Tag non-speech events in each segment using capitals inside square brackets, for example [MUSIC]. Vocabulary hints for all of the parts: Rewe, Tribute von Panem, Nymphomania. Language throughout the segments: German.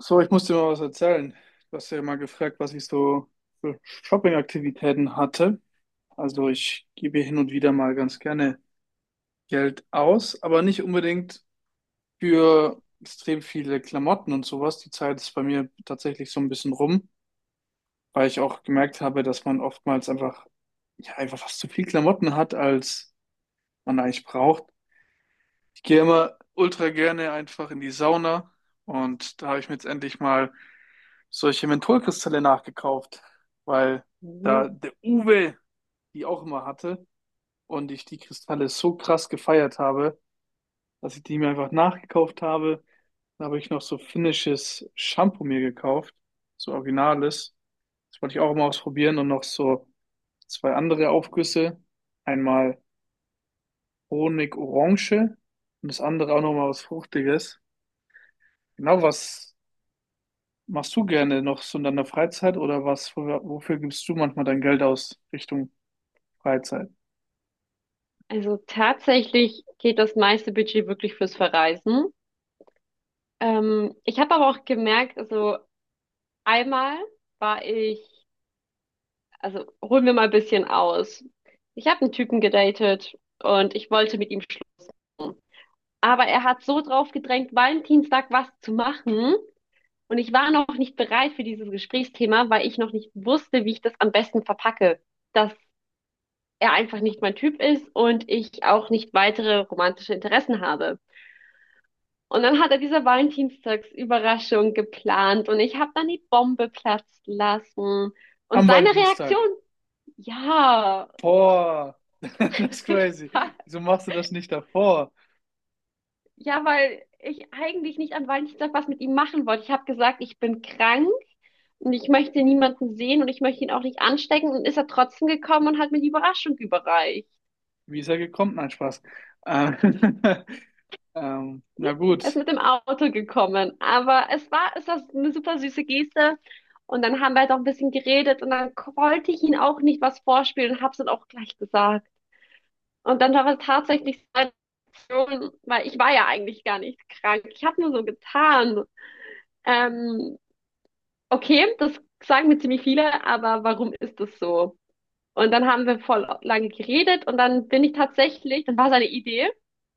So, ich muss dir mal was erzählen. Du hast ja mal gefragt, was ich so für Shopping-Aktivitäten hatte. Also ich gebe hin und wieder mal ganz gerne Geld aus, aber nicht unbedingt für extrem viele Klamotten und sowas. Die Zeit ist bei mir tatsächlich so ein bisschen rum, weil ich auch gemerkt habe, dass man oftmals einfach, ja, einfach fast zu viel Klamotten hat, als man eigentlich braucht. Ich gehe immer ultra gerne einfach in die Sauna und da habe ich mir jetzt endlich mal solche Mentholkristalle nachgekauft, weil Mhm. da der Uwe die auch immer hatte und ich die Kristalle so krass gefeiert habe, dass ich die mir einfach nachgekauft habe. Dann habe ich noch so finnisches Shampoo mir gekauft, so originales. Das wollte ich auch mal ausprobieren und noch so zwei andere Aufgüsse. Einmal Honig-Orange und das andere auch noch mal was Fruchtiges. Genau, was machst du gerne noch so in deiner Freizeit oder was? Wofür gibst du manchmal dein Geld aus Richtung Freizeit? Also tatsächlich geht das meiste Budget wirklich fürs Verreisen. Ich habe aber auch gemerkt, also einmal war ich, also holen wir mal ein bisschen aus. Ich habe einen Typen gedatet und ich wollte mit ihm schlafen. Aber er hat so drauf gedrängt, Valentinstag was zu machen. Und ich war noch nicht bereit für dieses Gesprächsthema, weil ich noch nicht wusste, wie ich das am besten verpacke. Dass er einfach nicht mein Typ ist und ich auch nicht weitere romantische Interessen habe. Und dann hat er diese Valentinstagsüberraschung geplant und ich habe dann die Bombe platzen lassen. Und Am seine Reaktion, Valentinstag. ja, Boah, [LAUGHS] das ist [LAUGHS] ich crazy. war, Wieso machst du das nicht davor? ja, weil ich eigentlich nicht an Valentinstag was mit ihm machen wollte. Ich habe gesagt, ich bin krank und ich möchte niemanden sehen und ich möchte ihn auch nicht anstecken. Und ist er trotzdem gekommen und hat mir die Überraschung überreicht. Wie ist er gekommen? Nein, Spaß. Ähm, [LAUGHS] na Er ist gut. mit dem Auto gekommen, aber es war eine super süße Geste. Und dann haben wir halt auch ein bisschen geredet und dann wollte ich ihn auch nicht was vorspielen und hab's dann auch gleich gesagt. Und dann war es tatsächlich seine Reaktion, weil ich war ja eigentlich gar nicht krank. Ich habe nur so getan. Ähm, okay, das sagen mir ziemlich viele, aber warum ist das so? Und dann haben wir voll lange geredet und dann bin ich tatsächlich, dann war seine Idee,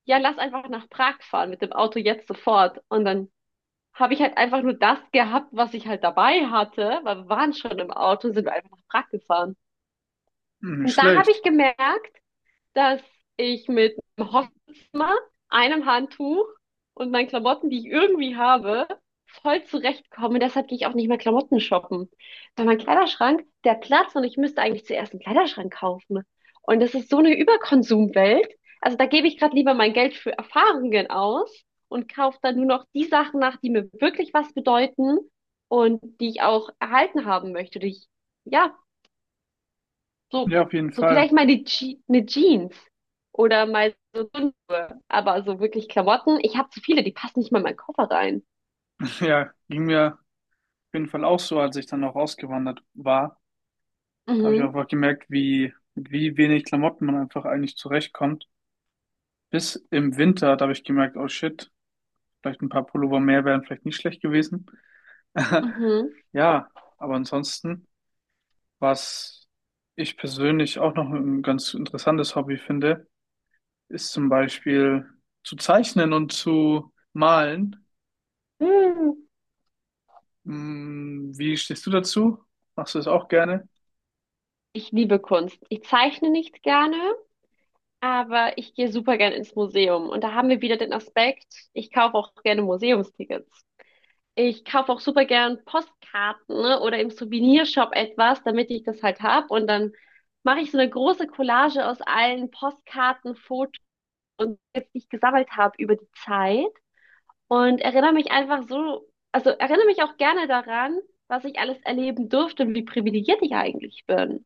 ja, lass einfach nach Prag fahren mit dem Auto jetzt sofort. Und dann habe ich halt einfach nur das gehabt, was ich halt dabei hatte, weil wir waren schon im Auto und sind einfach nach Prag gefahren. Hm, nicht Und da habe schlecht. ich gemerkt, dass ich mit einem Hosmer, einem Handtuch und meinen Klamotten, die ich irgendwie habe, voll zurechtkomme. Deshalb gehe ich auch nicht mehr Klamotten shoppen. Weil mein Kleiderschrank, der Platz und ich müsste eigentlich zuerst einen Kleiderschrank kaufen. Und das ist so eine Überkonsumwelt. Also da gebe ich gerade lieber mein Geld für Erfahrungen aus und kaufe dann nur noch die Sachen nach, die mir wirklich was bedeuten und die ich auch erhalten haben möchte, die ich ja so, Ja, auf jeden so Fall. vielleicht mal die Je eine Jeans oder mal so, dünn, aber so wirklich Klamotten. Ich habe zu viele, die passen nicht mal in meinen Koffer rein. Ja, ging mir auf jeden Fall auch so, als ich dann auch ausgewandert war. Da habe ich Mhm. einfach gemerkt, wie, mit wie wenig Klamotten man einfach eigentlich zurechtkommt. Bis im Winter, da habe ich gemerkt, oh shit. Vielleicht ein paar Pullover mehr wären vielleicht nicht schlecht gewesen. [LAUGHS] Mhm. Ja, aber ansonsten, was ich persönlich auch noch ein ganz interessantes Hobby finde, ist zum Beispiel zu zeichnen und zu malen. Hm. Hm, wie stehst du dazu? Machst du das auch gerne? Ich liebe Kunst. Ich zeichne nicht gerne, aber ich gehe super gerne ins Museum. Und da haben wir wieder den Aspekt, ich kaufe auch gerne Museumstickets. Ich kaufe auch super gern Postkarten, ne, oder im Souvenirshop etwas, damit ich das halt hab. Und dann mache ich so eine große Collage aus allen Postkarten, und jetzt, die ich gesammelt habe über die Zeit und erinnere mich einfach so, also erinnere mich auch gerne daran, was ich alles erleben durfte und wie privilegiert ich eigentlich bin.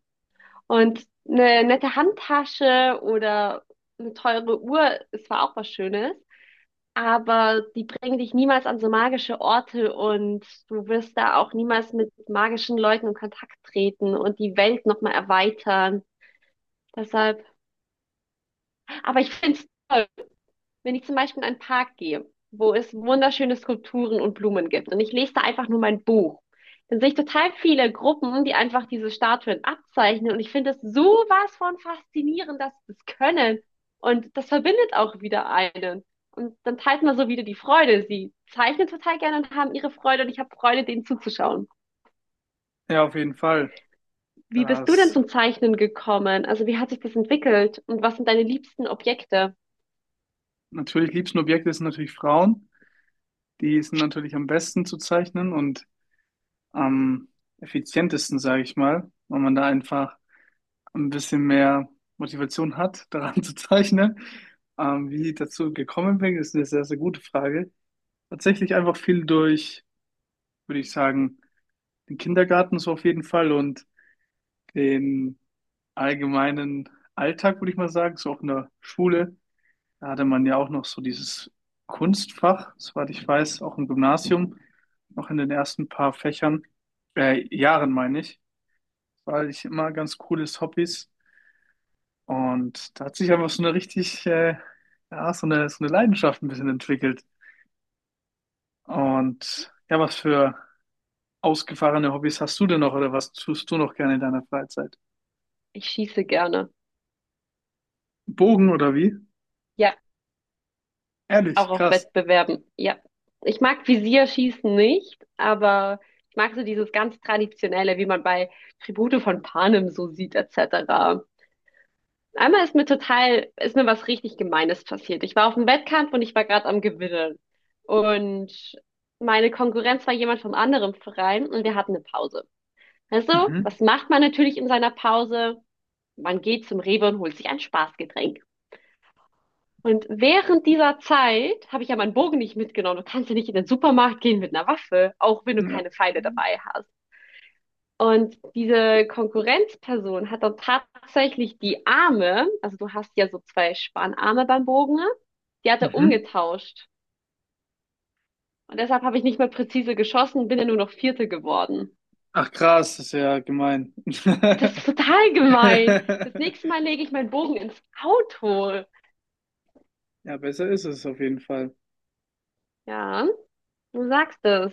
Und eine nette Handtasche oder eine teure Uhr ist zwar auch was Schönes, aber die bringen dich niemals an so magische Orte und du wirst da auch niemals mit magischen Leuten in Kontakt treten und die Welt nochmal erweitern. Deshalb, aber ich finde es toll, wenn ich zum Beispiel in einen Park gehe, wo es wunderschöne Skulpturen und Blumen gibt und ich lese da einfach nur mein Buch, dann sehe ich total viele Gruppen, die einfach diese Statuen abzeichnen und ich finde es sowas von faszinierend, dass sie das können und das verbindet auch wieder einen. Und dann teilt man so wieder die Freude. Sie zeichnen total gerne und haben ihre Freude und ich habe Freude, denen zuzuschauen. Ja, auf jeden Fall. Wie bist du denn Das zum Zeichnen gekommen? Also wie hat sich das entwickelt und was sind deine liebsten Objekte? natürlich liebsten Objekte sind natürlich Frauen. Die sind natürlich am besten zu zeichnen und am effizientesten, sage ich mal, weil man da einfach und ein bisschen mehr Motivation hat, [LAUGHS] daran zu zeichnen. Wie ich dazu gekommen bin, ist eine sehr, sehr gute Frage. Tatsächlich einfach viel durch, würde ich sagen, den Kindergarten so auf jeden Fall und den allgemeinen Alltag, würde ich mal sagen, so auch in der Schule. Da hatte man ja auch noch so dieses Kunstfach, soweit ich weiß, auch im Gymnasium, noch in den ersten paar Fächern, Jahren meine ich, weil ich immer ganz cooles Hobbys. Und da hat sich einfach so eine richtig, ja, so eine Leidenschaft ein bisschen entwickelt. Und ja, was für ausgefahrene Hobbys hast du denn noch oder was tust du noch gerne in deiner Freizeit? Ich schieße gerne. Bogen oder wie? Ja, auch Ehrlich, auf krass. Wettbewerben, ja. Ich mag Visierschießen nicht, aber ich mag so dieses ganz Traditionelle, wie man bei Tribute von Panem so sieht, etc. Einmal ist mir was richtig Gemeines passiert. Ich war auf einem Wettkampf und ich war gerade am Gewinnen. Und meine Konkurrenz war jemand vom anderen Verein und wir hatten eine Pause. Also, Mhm. was macht man natürlich in seiner Pause? Man geht zum Rewe und holt sich ein Spaßgetränk. Und während dieser Zeit habe ich ja meinen Bogen nicht mitgenommen. Du kannst ja nicht in den Supermarkt gehen mit einer Waffe, auch wenn du Ja. keine Pfeile dabei hast. Und diese Konkurrenzperson hat dann tatsächlich die Arme, also du hast ja so zwei Spanarme beim Bogen, die hat er Mhm. umgetauscht. Und deshalb habe ich nicht mehr präzise geschossen, bin ja nur noch Vierte geworden. Ach krass, das ist ja gemein. Das ist total gemein. Das nächste [LAUGHS] Mal lege ich meinen Bogen ins Auto. Ja, besser ist es auf jeden Fall. Ja, du sagst es,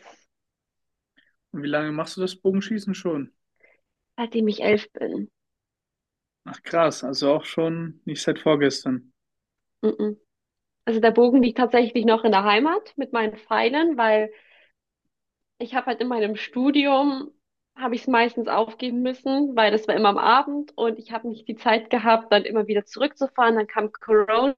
Und wie lange machst du das Bogenschießen schon? seitdem ich 11 bin. Ach krass, also auch schon nicht seit vorgestern. Mm-mm. Also der Bogen liegt tatsächlich noch in der Heimat mit meinen Pfeilen, weil ich habe halt in meinem Studium, habe ich es meistens aufgeben müssen, weil das war immer am Abend und ich habe nicht die Zeit gehabt, dann immer wieder zurückzufahren. Dann kam Corona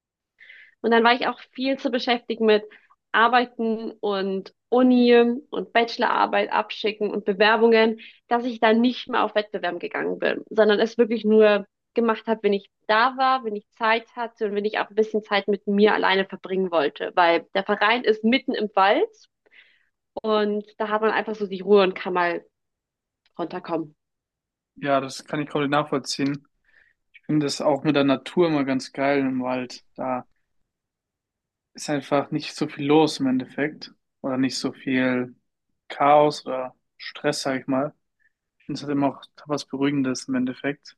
und dann war ich auch viel zu beschäftigt mit Arbeiten und Uni und Bachelorarbeit abschicken und Bewerbungen, dass ich dann nicht mehr auf Wettbewerben gegangen bin, sondern es wirklich nur gemacht habe, wenn ich da war, wenn ich Zeit hatte und wenn ich auch ein bisschen Zeit mit mir alleine verbringen wollte, weil der Verein ist mitten im Wald und da hat man einfach so die Ruhe und kann mal runterkommen. Ja, das kann ich komplett nachvollziehen. Finde das auch mit der Natur immer ganz geil im Wald. Da ist einfach nicht so viel los im Endeffekt oder nicht so viel Chaos oder Stress, sag ich mal. Ich finde es halt immer auch was Beruhigendes im Endeffekt.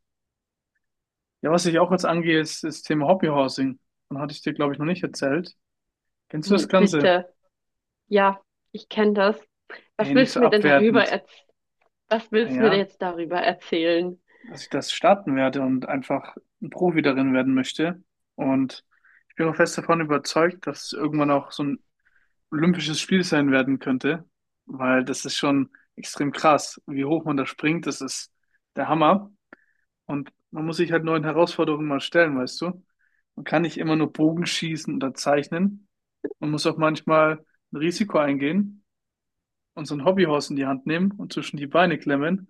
Ja, was ich auch jetzt angehe, ist das Thema Hobbyhousing. Dann hatte ich dir, glaube ich, noch nicht erzählt. Kennst du das Hm, Ganze? bitte. Ja, ich kenne das. Was Ey, nicht willst so du mir denn darüber abwertend. Was willst du mir denn Naja, jetzt darüber erzählen? dass ich das starten werde und einfach ein Profi darin werden möchte. Und ich bin auch fest davon überzeugt, dass es irgendwann auch so ein olympisches Spiel sein werden könnte, weil das ist schon extrem krass, wie hoch man da springt, das ist der Hammer. Und man muss sich halt neuen Herausforderungen mal stellen, weißt du? Man kann nicht immer nur Bogen schießen oder zeichnen. Man muss auch manchmal ein Risiko eingehen und so ein Hobbyhorse in die Hand nehmen und zwischen die Beine klemmen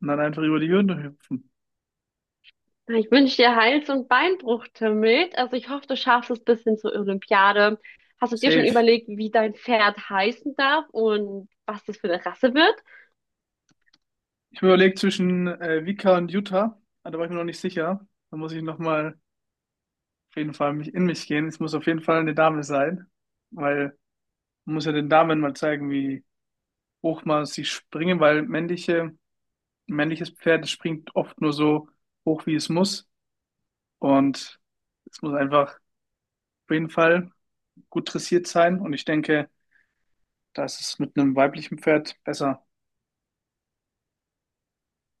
und dann einfach über die Hürden hüpfen. Ah, ich wünsche dir Hals- und Beinbruch, Timmelt. Also ich hoffe, du schaffst es bis hin zur Olympiade. Hast du dir schon Safe. überlegt, wie dein Pferd heißen darf und was das für eine Rasse wird? Ich habe überlegt zwischen Vika und Utah, aber da war ich mir noch nicht sicher. Da muss ich nochmal auf jeden Fall mich in mich gehen. Es muss auf jeden Fall eine Dame sein, weil man muss ja den Damen mal zeigen, wie hoch man sie springen, weil männliche, ein männliches Pferd, das springt oft nur so hoch, wie es muss. Und es muss einfach auf jeden Fall gut dressiert sein. Und ich denke, da ist es mit einem weiblichen Pferd besser.